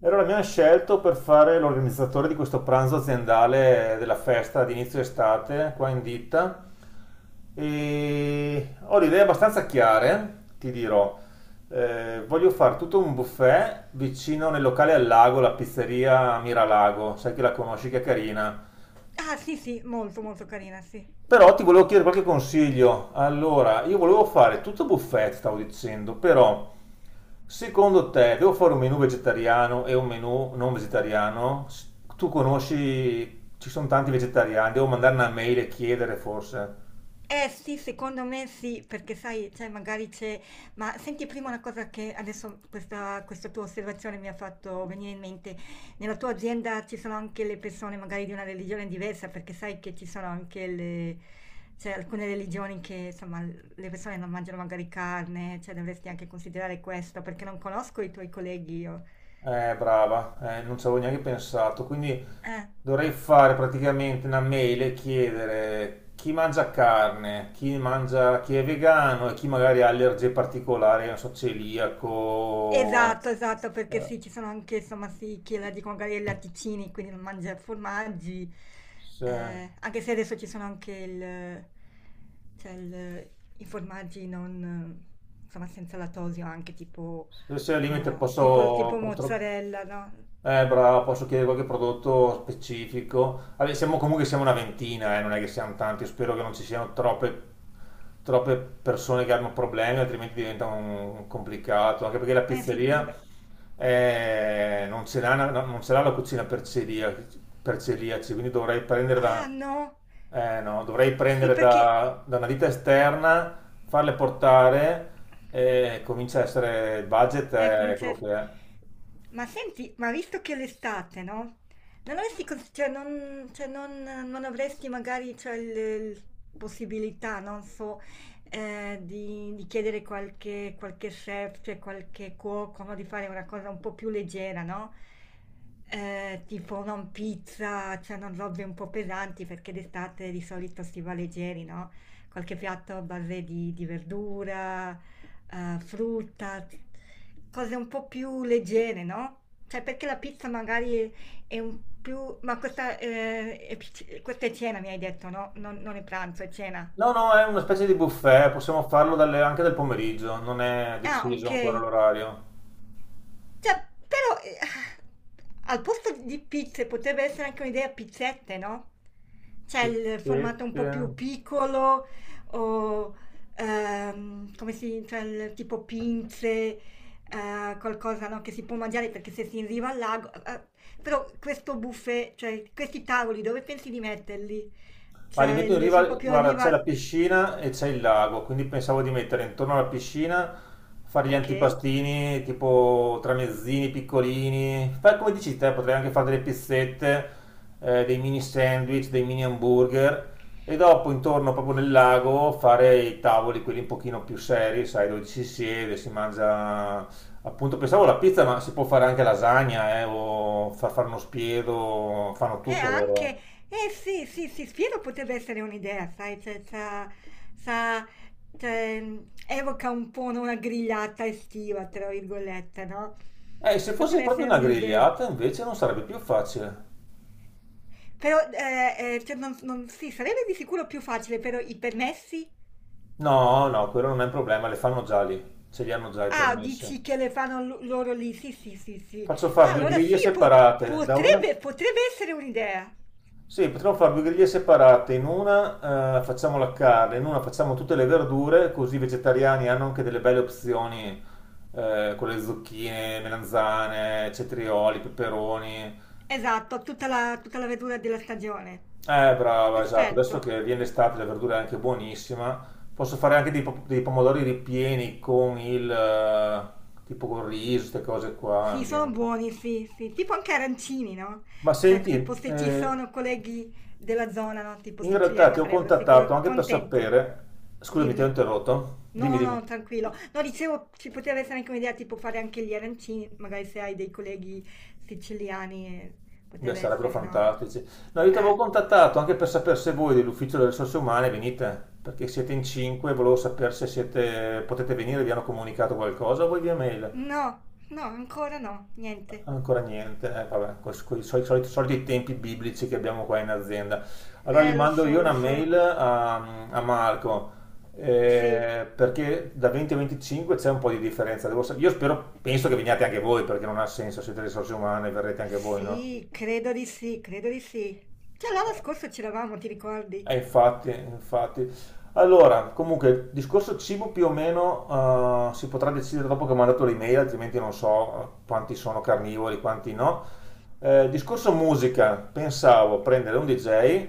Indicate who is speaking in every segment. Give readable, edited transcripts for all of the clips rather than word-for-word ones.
Speaker 1: E allora mi hanno scelto per fare l'organizzatore di questo pranzo aziendale della festa di inizio estate qua in ditta e ho le idee abbastanza chiare, ti dirò. Voglio fare tutto un buffet vicino nel locale al lago, la pizzeria Miralago, sai che la conosci, che è carina.
Speaker 2: Ah sì, sì, molto, molto carina, sì.
Speaker 1: Però ti volevo chiedere qualche consiglio. Allora, io volevo fare tutto buffet, stavo dicendo, però secondo te devo fare un menù vegetariano e un menù non vegetariano? Tu conosci, ci sono tanti vegetariani, devo mandare una mail e chiedere forse.
Speaker 2: Eh sì, secondo me sì, perché sai, cioè magari c'è. Ma senti prima una cosa che adesso questa tua osservazione mi ha fatto venire in mente. Nella tua azienda ci sono anche le persone magari di una religione diversa, perché sai che ci sono anche le. Cioè alcune religioni che insomma le persone non mangiano magari carne, cioè dovresti anche considerare questo, perché non conosco i tuoi colleghi io.
Speaker 1: Brava, non ci avevo neanche pensato, quindi
Speaker 2: Eh.
Speaker 1: dovrei fare praticamente una mail e chiedere chi mangia carne, chi mangia, chi è vegano e chi magari ha allergie particolari, non so, celiaco.
Speaker 2: Esatto, esatto, perché
Speaker 1: Eh,
Speaker 2: sì, ci sono anche, insomma, sì, chi la dicono magari i latticini, quindi non mangia formaggi,
Speaker 1: se,
Speaker 2: anche se adesso ci sono anche il, cioè il- i formaggi non, insomma, senza lattosio, anche tipo,
Speaker 1: se al limite
Speaker 2: tipo,
Speaker 1: posso.
Speaker 2: mozzarella, no?
Speaker 1: Bravo, posso chiedere qualche prodotto specifico? Vabbè, siamo una ventina, non è che siamo tanti. Io spero che non ci siano troppe persone che hanno problemi, altrimenti diventa un complicato. Anche perché la
Speaker 2: Eh sì,
Speaker 1: pizzeria
Speaker 2: tipo-
Speaker 1: non ce l'ha, non ce l'ha la cucina per celiaci, quindi dovrei prendere
Speaker 2: ah
Speaker 1: da,
Speaker 2: no,
Speaker 1: no, dovrei
Speaker 2: sì
Speaker 1: prendere
Speaker 2: perché.
Speaker 1: da una ditta esterna, farle portare, e comincia a essere, il budget
Speaker 2: Ecco, mi
Speaker 1: è quello che
Speaker 2: dice,
Speaker 1: è.
Speaker 2: ma senti, ma visto che è l'estate, no? Non avresti, cons- cioè, non- non avresti magari, cioè, il possibilità, non so, di chiedere qualche chef, cioè qualche cuoco, no? Di fare una cosa un po' più leggera, no? Tipo non pizza, cioè non robe un po' pesanti, perché d'estate di solito si va leggeri, no? Qualche piatto a base di verdura, frutta, cose un po' più leggere, no? Cioè, perché la pizza magari è un più. Ma questa, è, pic- questa è cena, mi hai detto, no? Non, non è pranzo, è cena.
Speaker 1: No, no, è una specie di buffet, possiamo farlo anche del pomeriggio, non è
Speaker 2: Ah,
Speaker 1: deciso
Speaker 2: ok.
Speaker 1: ancora l'orario.
Speaker 2: Cioè, però, al posto di pizze potrebbe essere anche un'idea pizzette, no? Cioè, il formato un
Speaker 1: Pizzette.
Speaker 2: po' più piccolo o, come si dice, il tipo pinze, qualcosa, no, che si può mangiare perché se si arriva al lago. Però questo buffet, cioè, questi tavoli, dove pensi di metterli?
Speaker 1: Ma li
Speaker 2: Cioè,
Speaker 1: metto in
Speaker 2: il-
Speaker 1: riva,
Speaker 2: sono proprio a
Speaker 1: guarda, c'è la
Speaker 2: riva.
Speaker 1: piscina e c'è il lago, quindi pensavo di mettere intorno alla piscina, fare gli
Speaker 2: Ok.
Speaker 1: antipastini, tipo tramezzini piccolini, fai come dici te, potrei anche fare delle pizzette, dei mini sandwich, dei mini hamburger, e dopo intorno proprio nel lago fare i tavoli, quelli un pochino più seri, sai, dove ci si siede, si mangia. Appunto, pensavo la pizza, ma si può fare anche lasagna, o far fare uno spiedo, fanno
Speaker 2: E
Speaker 1: tutto loro.
Speaker 2: anche
Speaker 1: eh.
Speaker 2: eh sì, sì, sì, Spiro potrebbe essere un'idea, sai, cioè, c'ha- sa- cioè, evoca un po' no, una grigliata estiva, tra virgolette, no?
Speaker 1: Se fosse
Speaker 2: Potrebbe
Speaker 1: proprio
Speaker 2: essere
Speaker 1: una
Speaker 2: un'idea.
Speaker 1: grigliata invece non sarebbe più facile.
Speaker 2: Però, cioè, non, non- sì, sarebbe di sicuro più facile, però i permessi?
Speaker 1: No, no, quello non è un problema, le fanno già lì, ce li hanno già i
Speaker 2: Ah,
Speaker 1: permessi.
Speaker 2: dici che le fanno lo- loro lì, sì, sì, sì, sì.
Speaker 1: Faccio fare
Speaker 2: Ah,
Speaker 1: due
Speaker 2: allora sì,
Speaker 1: griglie
Speaker 2: po-
Speaker 1: separate, da una.
Speaker 2: potrebbe, potrebbe essere un'idea.
Speaker 1: Sì, potremmo fare due griglie separate, in una facciamo la carne, in una facciamo tutte le verdure, così i vegetariani hanno anche delle belle opzioni, con le zucchine, melanzane, cetrioli, peperoni.
Speaker 2: Esatto, tutta la verdura della stagione.
Speaker 1: Brava, esatto. Adesso
Speaker 2: Perfetto.
Speaker 1: che viene l'estate, la verdura è anche buonissima. Posso fare anche dei pomodori ripieni con il, tipo con riso, queste cose
Speaker 2: Sì,
Speaker 1: qua.
Speaker 2: sono buoni, sì, sì, tipo anche arancini, no?
Speaker 1: Ma
Speaker 2: Cioè,
Speaker 1: senti,
Speaker 2: tipo se ci sono colleghi della zona, no? Tipo
Speaker 1: in realtà
Speaker 2: siciliani
Speaker 1: ti ho
Speaker 2: sarebbero
Speaker 1: contattato
Speaker 2: sicuro
Speaker 1: anche per
Speaker 2: contenti.
Speaker 1: sapere. Scusami, ti ho
Speaker 2: Dimmi.
Speaker 1: interrotto. Dimmi,
Speaker 2: No,
Speaker 1: dimmi.
Speaker 2: no, tranquillo. No, dicevo, ci poteva essere anche un'idea tipo fare anche gli arancini, magari se hai dei colleghi siciliani,
Speaker 1: Beh,
Speaker 2: poteva
Speaker 1: sarebbero
Speaker 2: essere, no?
Speaker 1: fantastici. No, io ti avevo
Speaker 2: Eh.
Speaker 1: contattato anche per sapere se voi dell'Ufficio delle Risorse Umane venite, perché siete in cinque, volevo sapere se siete, potete venire, vi hanno comunicato qualcosa, voi via mail.
Speaker 2: No, no, ancora no, niente.
Speaker 1: Ancora niente, vabbè, con i soliti, soliti tempi biblici che abbiamo qua in azienda. Allora gli
Speaker 2: Lo
Speaker 1: mando
Speaker 2: so,
Speaker 1: io
Speaker 2: lo
Speaker 1: una
Speaker 2: so.
Speaker 1: mail a Marco,
Speaker 2: Sì.
Speaker 1: perché da 20 a 25 c'è un po' di differenza. Io spero, penso che veniate anche voi, perché non ha senso, siete risorse umane, verrete anche voi, no?
Speaker 2: Sì, credo di sì, credo di sì. Già l'anno scorso c'eravamo, ti ricordi?
Speaker 1: Infatti, infatti. Allora, comunque, il discorso cibo più o meno, si potrà decidere dopo che ho mandato l'email, altrimenti non so, quanti sono carnivori, quanti no. Discorso musica, pensavo prendere un DJ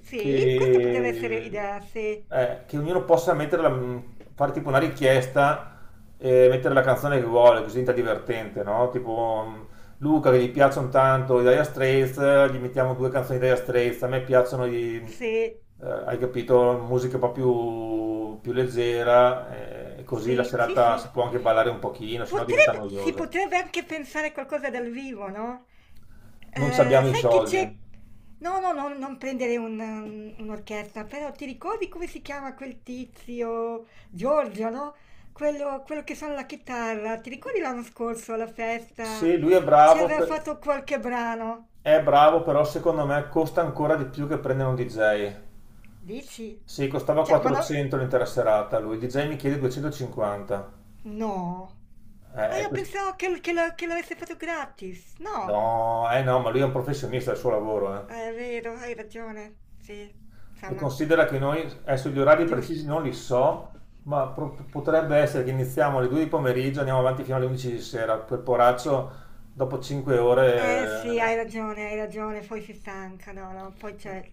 Speaker 2: Sì, questa poteva essere
Speaker 1: che,
Speaker 2: idea, sì.
Speaker 1: che ognuno possa fare tipo una richiesta e mettere la canzone che vuole, così diventa divertente, no? Tipo Luca, che gli piacciono tanto i Dire Straits, gli mettiamo due canzoni di Dire Straits. A me piacciono i
Speaker 2: Sì.
Speaker 1: hai capito, musica un po' più leggera, così la
Speaker 2: Sì, sì,
Speaker 1: serata
Speaker 2: sì.
Speaker 1: si può anche ballare un pochino, sennò diventa
Speaker 2: Potrebbe si
Speaker 1: noiosa.
Speaker 2: potrebbe anche pensare a qualcosa dal vivo, no,
Speaker 1: Non ci abbiamo i
Speaker 2: sai che
Speaker 1: soldi.
Speaker 2: c'è no, no, no, non prendere un un'orchestra, però ti ricordi come si chiama quel tizio, Giorgio, no, quello che suona la chitarra, ti ricordi l'anno scorso alla festa,
Speaker 1: Se lui è
Speaker 2: ci
Speaker 1: bravo,
Speaker 2: aveva fatto qualche brano?
Speaker 1: è bravo, però secondo me costa ancora di più che prendere un DJ.
Speaker 2: Dici?
Speaker 1: Sì, costava
Speaker 2: Cioè, ma no.
Speaker 1: 400 l'intera serata, lui il DJ mi chiede 250.
Speaker 2: No.
Speaker 1: Eh,
Speaker 2: Ah,
Speaker 1: è
Speaker 2: io
Speaker 1: quest-
Speaker 2: pensavo che lo- che l'avesse fatto gratis.
Speaker 1: No,
Speaker 2: No.
Speaker 1: no, ma lui è un professionista del suo lavoro.
Speaker 2: È vero, hai ragione. Sì,
Speaker 1: E
Speaker 2: insomma,
Speaker 1: considera che noi, adesso gli orari precisi
Speaker 2: giusto.
Speaker 1: non li so, ma potrebbe essere che iniziamo alle 2 di pomeriggio, andiamo avanti fino alle 11 di sera, per poraccio dopo 5
Speaker 2: Eh sì,
Speaker 1: ore
Speaker 2: hai ragione, hai ragione. Poi si stanca, no, no. Poi
Speaker 1: eh,
Speaker 2: cioè,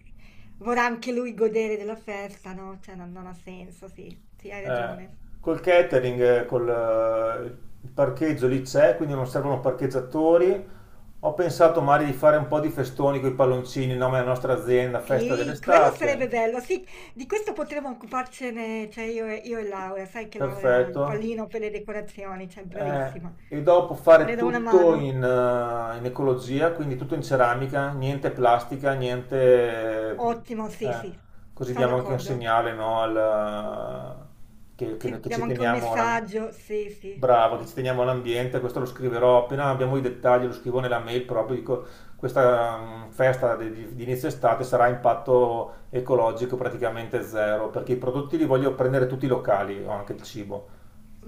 Speaker 2: vorrà anche lui godere della festa, no? Cioè, non, non ha senso, sì. Sì, hai
Speaker 1: eh,
Speaker 2: ragione.
Speaker 1: col catering, col il parcheggio lì c'è, quindi non servono parcheggiatori. Ho pensato magari di fare un po' di festoni con i palloncini, in nome della nostra azienda, festa
Speaker 2: Sì, quello
Speaker 1: dell'estate.
Speaker 2: sarebbe bello, sì, di questo potremmo occuparcene, cioè io e Laura, sai che Laura ha il
Speaker 1: Perfetto.
Speaker 2: pallino per le decorazioni, cioè
Speaker 1: Eh,
Speaker 2: bravissima.
Speaker 1: e dopo fare
Speaker 2: Le do una
Speaker 1: tutto
Speaker 2: mano,
Speaker 1: in ecologia, quindi tutto in ceramica, niente plastica, niente.
Speaker 2: ottimo, sì,
Speaker 1: eh,
Speaker 2: sì,
Speaker 1: Così
Speaker 2: sono
Speaker 1: diamo anche un
Speaker 2: d'accordo.
Speaker 1: segnale, no, al-
Speaker 2: Sì,
Speaker 1: che ci
Speaker 2: diamo anche un
Speaker 1: teniamo alla-
Speaker 2: messaggio, sì, sì,
Speaker 1: bravo, che
Speaker 2: sì.
Speaker 1: ci teniamo all'ambiente, questo lo scriverò, appena abbiamo i dettagli lo scrivo nella mail proprio, dico questa festa di inizio estate sarà a impatto ecologico praticamente zero, perché i prodotti li voglio prendere tutti locali, o anche il cibo.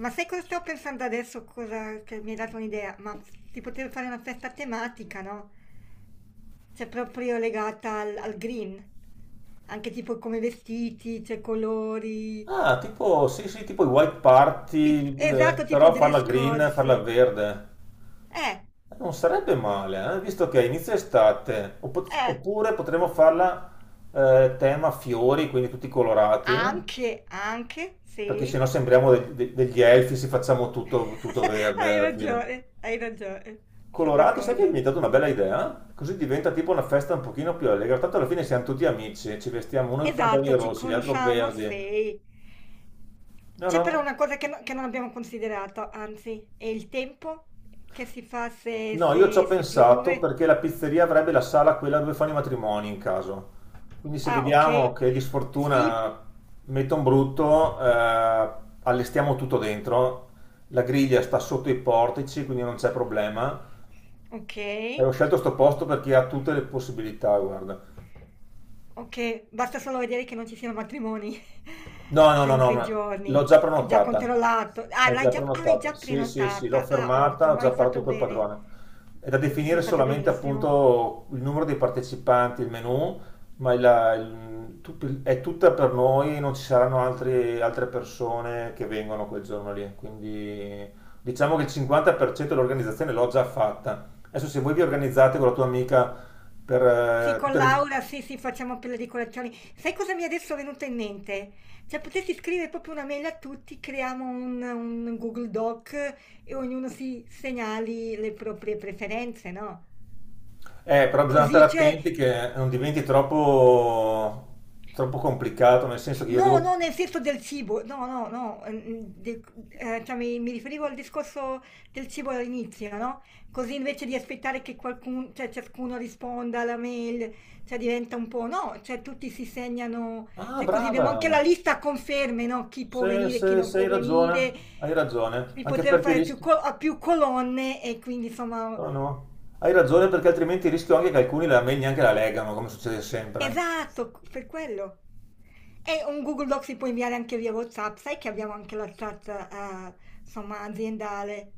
Speaker 2: Ma sai cosa stavo pensando adesso? Cosa che mi hai dato un'idea? Ma si poteva fare una festa tematica, no? Cioè proprio legata al green, anche tipo come vestiti, cioè colori.
Speaker 1: Ah, tipo, sì, sì, tipo i white party,
Speaker 2: Tip- esatto, tipo
Speaker 1: però farla
Speaker 2: dress code,
Speaker 1: green, farla
Speaker 2: sì.
Speaker 1: verde.
Speaker 2: Eh,
Speaker 1: Non sarebbe male, visto che è inizio estate.
Speaker 2: eh,
Speaker 1: Oppure potremmo farla tema fiori, quindi tutti colorati,
Speaker 2: anche, anche,
Speaker 1: perché
Speaker 2: sì.
Speaker 1: sennò sembriamo degli elfi se facciamo tutto, tutto verde alla fine.
Speaker 2: Hai ragione, sono
Speaker 1: Colorati, sai che mi
Speaker 2: d'accordo.
Speaker 1: hai dato una bella idea? Così diventa tipo una festa un pochino più allegra. Tanto alla fine siamo tutti amici, ci vestiamo uno i pantaloni
Speaker 2: Esatto, ci
Speaker 1: rossi, gli altri
Speaker 2: conosciamo,
Speaker 1: verdi.
Speaker 2: sì.
Speaker 1: No,
Speaker 2: C'è però
Speaker 1: no.
Speaker 2: una cosa che, no- che non abbiamo considerato, anzi, è il tempo che si fa se,
Speaker 1: No, io ci
Speaker 2: se-
Speaker 1: ho
Speaker 2: se
Speaker 1: pensato
Speaker 2: piove.
Speaker 1: perché la pizzeria avrebbe la sala quella dove fanno i matrimoni in caso. Quindi se
Speaker 2: Ah,
Speaker 1: vediamo
Speaker 2: ok.
Speaker 1: che di
Speaker 2: Sì,
Speaker 1: sfortuna metto un brutto, allestiamo tutto dentro. La griglia sta sotto i portici, quindi non c'è problema.
Speaker 2: ok.
Speaker 1: E ho scelto sto posto perché ha tutte le possibilità, guarda.
Speaker 2: Ok, basta solo vedere che non ci siano matrimoni,
Speaker 1: No, no,
Speaker 2: cioè
Speaker 1: no,
Speaker 2: in
Speaker 1: no,
Speaker 2: quei
Speaker 1: ma l'ho
Speaker 2: giorni.
Speaker 1: già
Speaker 2: Già
Speaker 1: prenotata.
Speaker 2: controllato.
Speaker 1: È già
Speaker 2: Ah, l'hai
Speaker 1: prenotata.
Speaker 2: già
Speaker 1: Sì, sì, sì, l'ho
Speaker 2: prenotata. Ah,
Speaker 1: fermata, ho
Speaker 2: ottimo,
Speaker 1: già
Speaker 2: hai
Speaker 1: parlato
Speaker 2: fatto
Speaker 1: col
Speaker 2: bene.
Speaker 1: padrone. È da
Speaker 2: Sì, sì, hai
Speaker 1: definire
Speaker 2: fatto
Speaker 1: solamente
Speaker 2: benissimo.
Speaker 1: appunto il numero dei partecipanti, il menù, ma è tutta per noi, non ci saranno altre persone che vengono quel giorno lì. Quindi diciamo che il 50% dell'organizzazione l'ho già fatta. Adesso se voi vi organizzate con la tua amica per
Speaker 2: Sì, con
Speaker 1: tutte le.
Speaker 2: Laura, sì, sì, facciamo per le decorazioni. Sai cosa mi è adesso venuto in mente? Cioè, potresti scrivere proprio una mail a tutti, creiamo un Google Doc e ognuno si segnali le proprie preferenze, no?
Speaker 1: Però bisogna stare
Speaker 2: Così c'è
Speaker 1: attenti che non diventi troppo, troppo complicato, nel senso che io
Speaker 2: no,
Speaker 1: devo.
Speaker 2: no, nel senso del cibo, no, no, no, de- cioè mi riferivo al discorso del cibo all'inizio, no? Così invece di aspettare che qualcuno, cioè ciascuno risponda alla mail, cioè diventa un po', no, cioè tutti si segnano,
Speaker 1: Ah,
Speaker 2: cioè così abbiamo anche la
Speaker 1: brava!
Speaker 2: lista a conferme, no? Chi può
Speaker 1: Se,
Speaker 2: venire, chi
Speaker 1: se-
Speaker 2: non
Speaker 1: se hai
Speaker 2: può
Speaker 1: ragione,
Speaker 2: venire,
Speaker 1: hai ragione,
Speaker 2: di
Speaker 1: anche
Speaker 2: poter
Speaker 1: perché
Speaker 2: fare più,
Speaker 1: rischi.
Speaker 2: col- a più colonne e quindi insomma.
Speaker 1: No, no, hai ragione perché altrimenti rischio anche che alcuni la meglio neanche la legano, come succede sempre.
Speaker 2: Esatto, per quello. E un Google Doc si può inviare anche via WhatsApp, sai che abbiamo anche la chat, insomma, aziendale.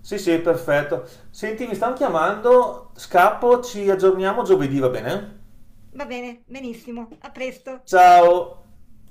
Speaker 1: Sì, sì, perfetto. Senti, mi stanno chiamando, scappo, ci aggiorniamo giovedì, va bene?
Speaker 2: Va bene, benissimo, a presto.
Speaker 1: Ciao!